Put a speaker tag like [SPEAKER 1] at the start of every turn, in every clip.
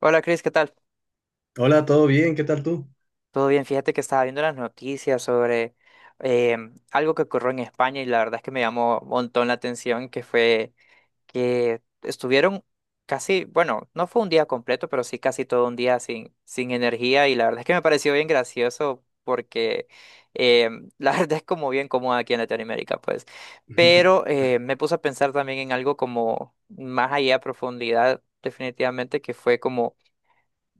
[SPEAKER 1] Hola Cris, ¿qué tal?
[SPEAKER 2] Hola, ¿todo bien? ¿Qué tal tú?
[SPEAKER 1] Todo bien, fíjate que estaba viendo las noticias sobre algo que ocurrió en España y la verdad es que me llamó un montón la atención, que fue que estuvieron casi, bueno, no fue un día completo, pero sí casi todo un día sin energía y la verdad es que me pareció bien gracioso porque la verdad es como bien cómoda aquí en Latinoamérica, pues. Pero me puse a pensar también en algo como más allá a profundidad, definitivamente, que fue como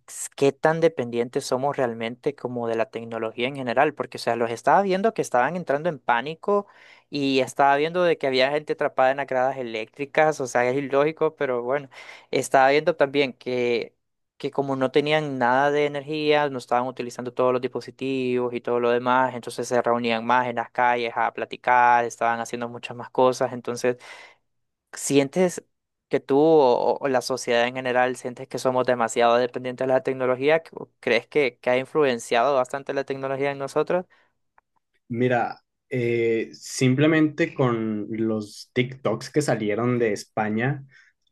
[SPEAKER 1] qué tan dependientes somos realmente como de la tecnología en general, porque, o sea, los estaba viendo que estaban entrando en pánico y estaba viendo de que había gente atrapada en las gradas eléctricas, o sea, es ilógico, pero bueno, estaba viendo también que como no tenían nada de energía, no estaban utilizando todos los dispositivos y todo lo demás, entonces se reunían más en las calles a platicar, estaban haciendo muchas más cosas, entonces ¿sientes que tú o la sociedad en general sientes que somos demasiado dependientes de la tecnología? ¿O ¿crees que ha influenciado bastante la tecnología en nosotros?
[SPEAKER 2] Mira, simplemente con los TikToks que salieron de España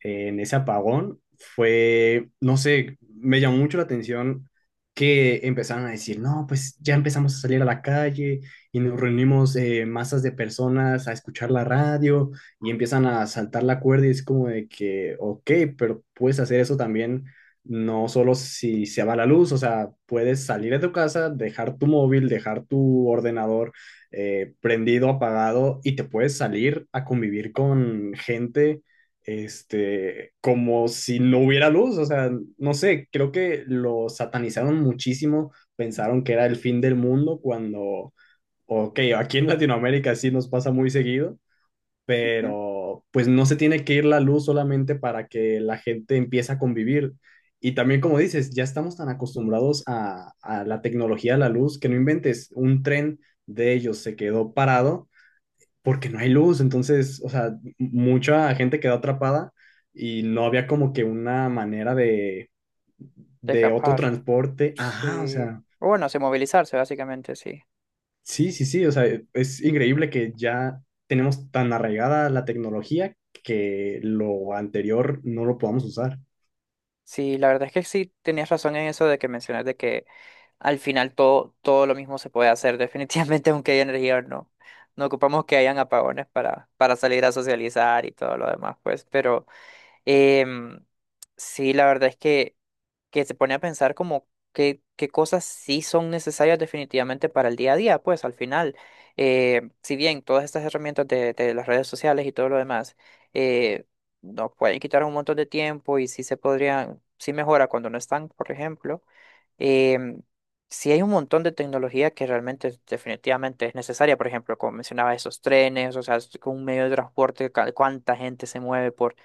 [SPEAKER 2] en ese apagón, fue, no sé, me llamó mucho la atención que empezaron a decir, no, pues ya empezamos a salir a la calle y nos reunimos masas de personas a escuchar la radio y empiezan a saltar la cuerda y es como de que, ok, pero puedes hacer eso también, no solo si se va la luz. O sea, puedes salir de tu casa, dejar tu móvil, dejar tu ordenador prendido, apagado, y te puedes salir a convivir con gente, este, como si no hubiera luz. O sea, no sé, creo que lo satanizaron muchísimo, pensaron que era el fin del mundo cuando, ok, aquí en Latinoamérica sí nos pasa muy seguido,
[SPEAKER 1] Ujú.
[SPEAKER 2] pero pues no se tiene que ir la luz solamente para que la gente empiece a convivir. Y también, como dices, ya estamos tan acostumbrados a, la tecnología, a la luz, que no inventes, un tren de ellos se quedó parado porque no hay luz. Entonces, o sea, mucha gente quedó atrapada y no había como que una manera de,
[SPEAKER 1] De
[SPEAKER 2] otro
[SPEAKER 1] capaz,
[SPEAKER 2] transporte. Ajá, o
[SPEAKER 1] sí.
[SPEAKER 2] sea,
[SPEAKER 1] O bueno, sí, movilizarse, básicamente, sí.
[SPEAKER 2] sí, o sea, es increíble que ya tenemos tan arraigada la tecnología que lo anterior no lo podamos usar.
[SPEAKER 1] Sí, la verdad es que sí tenías razón en eso de que mencionas de que al final todo lo mismo se puede hacer, definitivamente, aunque haya energía no. No ocupamos que hayan apagones para salir a socializar y todo lo demás, pues, pero Em, sí, la verdad es que se pone a pensar como qué cosas sí son necesarias definitivamente para el día a día, pues al final, si bien todas estas herramientas de las redes sociales y todo lo demás eh, nos pueden quitar un montón de tiempo y sí se podrían, sí mejora cuando no están, por ejemplo, em, sí hay un montón de tecnología que realmente definitivamente es necesaria, por ejemplo, como mencionaba, esos trenes, o sea, es un medio de transporte, cuánta gente se mueve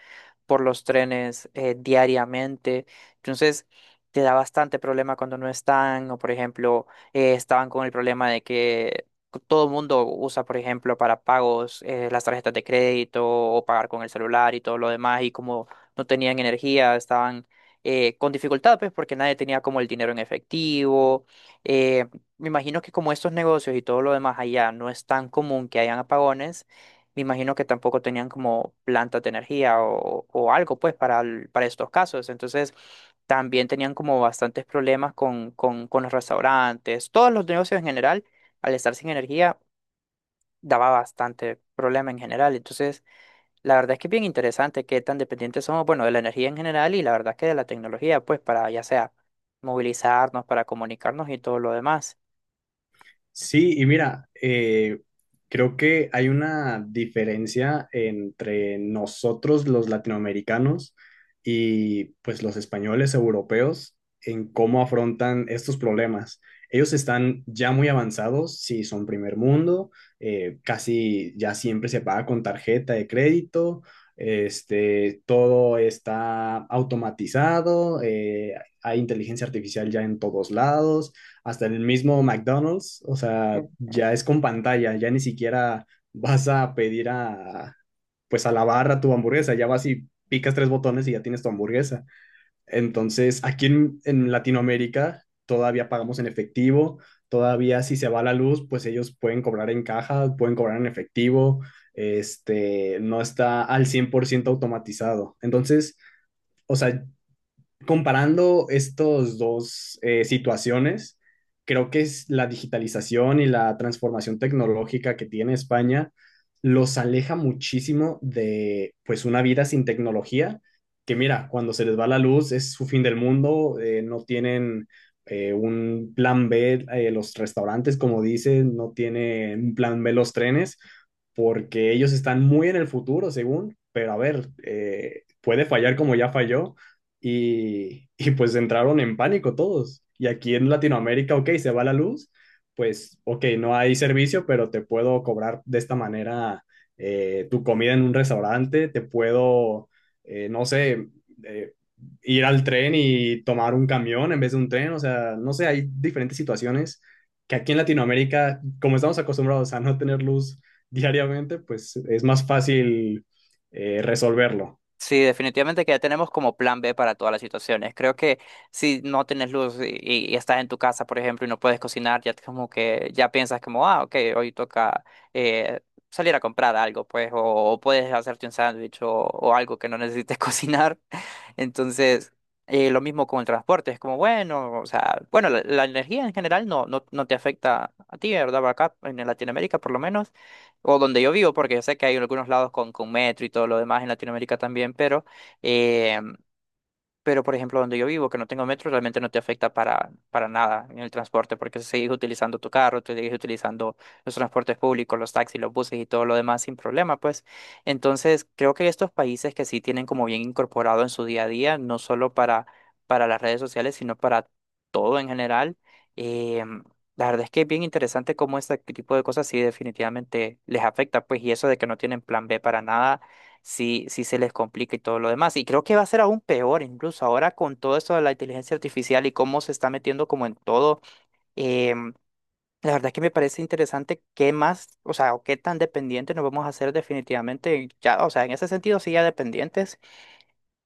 [SPEAKER 1] por los trenes diariamente. Entonces, te da bastante problema cuando no están, o por ejemplo, estaban con el problema de que todo el mundo usa, por ejemplo, para pagos las tarjetas de crédito o pagar con el celular y todo lo demás, y como no tenían energía, estaban con dificultad, pues porque nadie tenía como el dinero en efectivo. Eh, me imagino que como estos negocios y todo lo demás allá no es tan común que hayan apagones, me imagino que tampoco tenían como plantas de energía o algo, pues, para, para estos casos. Entonces, también tenían como bastantes problemas con los restaurantes, todos los negocios en general, al estar sin energía, daba bastante problema en general. Entonces, la verdad es que es bien interesante qué tan dependientes somos, bueno, de la energía en general y la verdad que de la tecnología, pues, para ya sea movilizarnos, para comunicarnos y todo lo demás.
[SPEAKER 2] Sí, y mira, creo que hay una diferencia entre nosotros los latinoamericanos y pues los españoles europeos en cómo afrontan estos problemas. Ellos están ya muy avanzados, si son primer mundo, casi ya siempre se paga con tarjeta de crédito, este, todo está automatizado, hay inteligencia artificial ya en todos lados, hasta en el mismo McDonald's. O sea, ya es con pantalla, ya ni siquiera vas a pedir a, pues a la barra tu hamburguesa, ya vas y picas tres botones y ya tienes tu hamburguesa. Entonces, aquí en, Latinoamérica todavía pagamos en efectivo, todavía si se va la luz, pues ellos pueden cobrar en caja, pueden cobrar en efectivo, este, no está al 100% automatizado. Entonces, o sea, comparando estas dos situaciones, creo que es la digitalización y la transformación tecnológica que tiene España los aleja muchísimo de pues una vida sin tecnología, que mira, cuando se les va la luz es su fin del mundo. Eh, no tienen un plan B, los restaurantes, como dicen, no tienen un plan B los trenes, porque ellos están muy en el futuro, según, pero a ver, puede fallar como ya falló y, pues entraron en pánico todos. Y aquí en Latinoamérica, ok, se va la luz, pues ok, no hay servicio, pero te puedo cobrar de esta manera tu comida en un restaurante, te puedo, no sé, eh, ir al tren y tomar un camión en vez de un tren. O sea, no sé, hay diferentes situaciones que aquí en Latinoamérica, como estamos acostumbrados a no tener luz diariamente, pues es más fácil resolverlo.
[SPEAKER 1] Sí, definitivamente que ya tenemos como plan B para todas las situaciones. Creo que si no tienes luz y estás en tu casa, por ejemplo, y no puedes cocinar, ya como que ya piensas como, ah, ok, hoy toca eh, salir a comprar algo, pues, o puedes hacerte un sándwich o algo que no necesites cocinar. Entonces, lo mismo con el transporte, es como, bueno, o sea, bueno, la energía en general no te afecta a ti, ¿verdad? Acá en Latinoamérica, por lo menos o donde yo vivo, porque yo sé que hay algunos lados con metro y todo lo demás en Latinoamérica también, eh, pero, por ejemplo, donde yo vivo, que no tengo metro, realmente no te afecta para nada en el transporte, porque sigues utilizando tu carro, te sigues utilizando los transportes públicos, los taxis, los buses y todo lo demás sin problema, pues. Entonces, creo que estos países que sí tienen como bien incorporado en su día a día, no solo para las redes sociales, sino para todo en general, eh, la verdad es que es bien interesante cómo este tipo de cosas sí definitivamente les afecta, pues, y eso de que no tienen plan B para nada sí, sí se les complica y todo lo demás. Y creo que va a ser aún peor, incluso ahora con todo esto de la inteligencia artificial y cómo se está metiendo como en todo. em, la verdad es que me parece interesante qué más, o sea, o qué tan dependientes nos vamos a hacer definitivamente, ya, o sea, en ese sentido sí ya dependientes,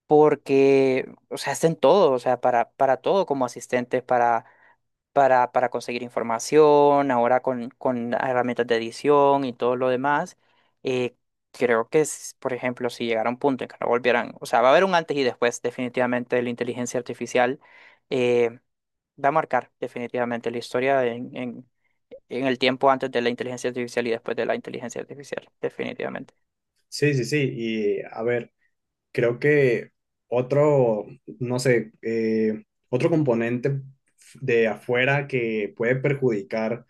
[SPEAKER 1] porque, o sea, hacen todo, o sea, para todo como asistentes, para conseguir información, ahora con herramientas de edición y todo lo demás. eh, Creo que, es por ejemplo, si llegara un punto en que no volvieran, o sea, va a haber un antes y después definitivamente de la inteligencia artificial, eh, va a marcar definitivamente la historia en el tiempo antes de la inteligencia artificial y después de la inteligencia artificial, definitivamente.
[SPEAKER 2] Sí, y a ver, creo que otro, no sé, otro componente de afuera que puede perjudicar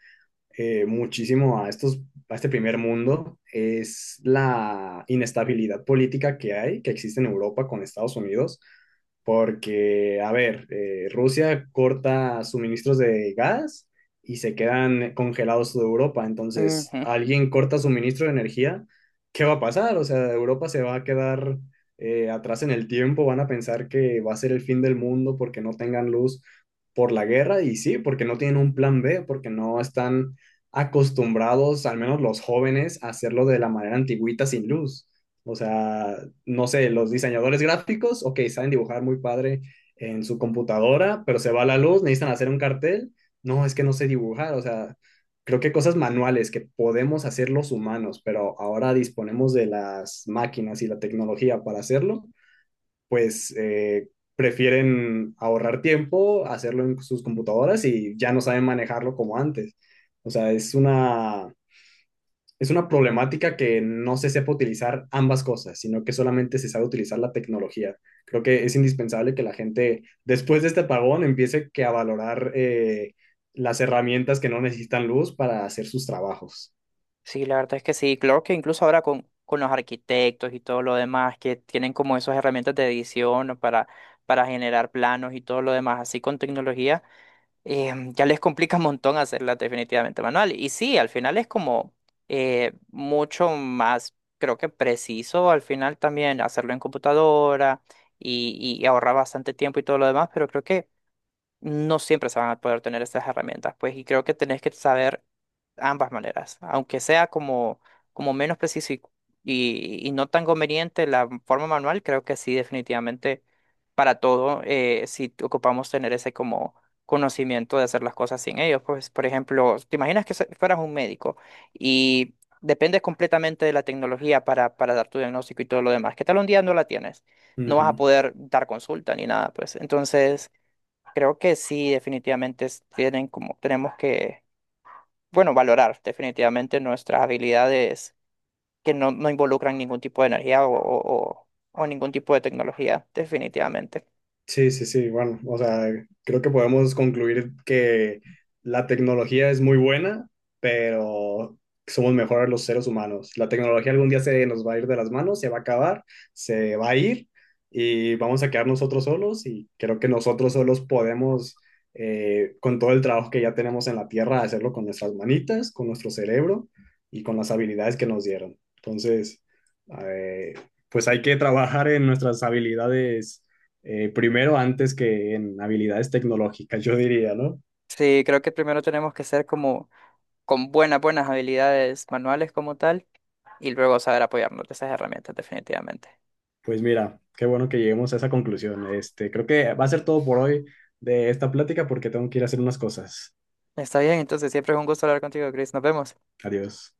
[SPEAKER 2] muchísimo a estos, a este primer mundo, es la inestabilidad política que hay, que existe en Europa con Estados Unidos, porque, a ver, Rusia corta suministros de gas y se quedan congelados toda Europa, entonces
[SPEAKER 1] Ujú.
[SPEAKER 2] alguien corta suministro de energía, ¿qué va a pasar? O sea, Europa se va a quedar atrás en el tiempo, van a pensar que va a ser el fin del mundo porque no tengan luz por la guerra. Y sí, porque no tienen un plan B, porque no están acostumbrados, al menos los jóvenes, a hacerlo de la manera antigüita sin luz. O sea, no sé, los diseñadores gráficos, ok, saben dibujar muy padre en su computadora, pero se va la luz, necesitan hacer un cartel. No, es que no sé dibujar. O sea, creo que cosas manuales que podemos hacer los humanos, pero ahora disponemos de las máquinas y la tecnología para hacerlo, pues prefieren ahorrar tiempo, hacerlo en sus computadoras, y ya no saben manejarlo como antes. O sea, es una problemática que no se sepa utilizar ambas cosas, sino que solamente se sabe utilizar la tecnología. Creo que es indispensable que la gente, después de este apagón, empiece que a valorar las herramientas que no necesitan luz para hacer sus trabajos.
[SPEAKER 1] Sí, la verdad es que sí. Claro que incluso ahora con los arquitectos y todo lo demás, que tienen como esas herramientas de edición, ¿no? Para generar planos y todo lo demás, así con tecnología, ya les complica un montón hacerlas definitivamente manual. Y sí, al final es como mucho más, creo que preciso al final también hacerlo en computadora y ahorrar bastante tiempo y todo lo demás, pero creo que no siempre se van a poder tener estas herramientas, pues, y creo que tenés que saber ambas maneras, aunque sea como, como menos preciso y no tan conveniente la forma manual, creo que sí, definitivamente para todo, si ocupamos tener ese como conocimiento de hacer las cosas sin ellos, pues por ejemplo, te imaginas que fueras un médico y dependes completamente de la tecnología para dar tu diagnóstico y todo lo demás, ¿qué tal un día no la tienes? No vas a
[SPEAKER 2] Ujú.
[SPEAKER 1] poder dar consulta ni nada, pues entonces creo que sí, definitivamente tienen como, tenemos que bueno, valorar definitivamente nuestras habilidades que no involucran ningún tipo de energía o ningún tipo de tecnología, definitivamente.
[SPEAKER 2] Sí, bueno, o sea, creo que podemos concluir que la tecnología es muy buena, pero somos mejores los seres humanos. La tecnología algún día se nos va a ir de las manos, se va a acabar, se va a ir, y vamos a quedar nosotros solos, y creo que nosotros solos podemos, con todo el trabajo que ya tenemos en la tierra, hacerlo con nuestras manitas, con nuestro cerebro y con las habilidades que nos dieron. Entonces, eh, pues hay que trabajar en nuestras habilidades primero antes que en habilidades tecnológicas, yo diría, ¿no?
[SPEAKER 1] Sí, creo que primero tenemos que ser como con buenas habilidades manuales como tal y luego saber apoyarnos de esas herramientas, definitivamente.
[SPEAKER 2] Pues mira, qué bueno que lleguemos a esa conclusión. Este, creo que va a ser todo por hoy de esta plática porque tengo que ir a hacer unas cosas.
[SPEAKER 1] Está bien, entonces siempre es un gusto hablar contigo, Chris. Nos vemos.
[SPEAKER 2] Adiós.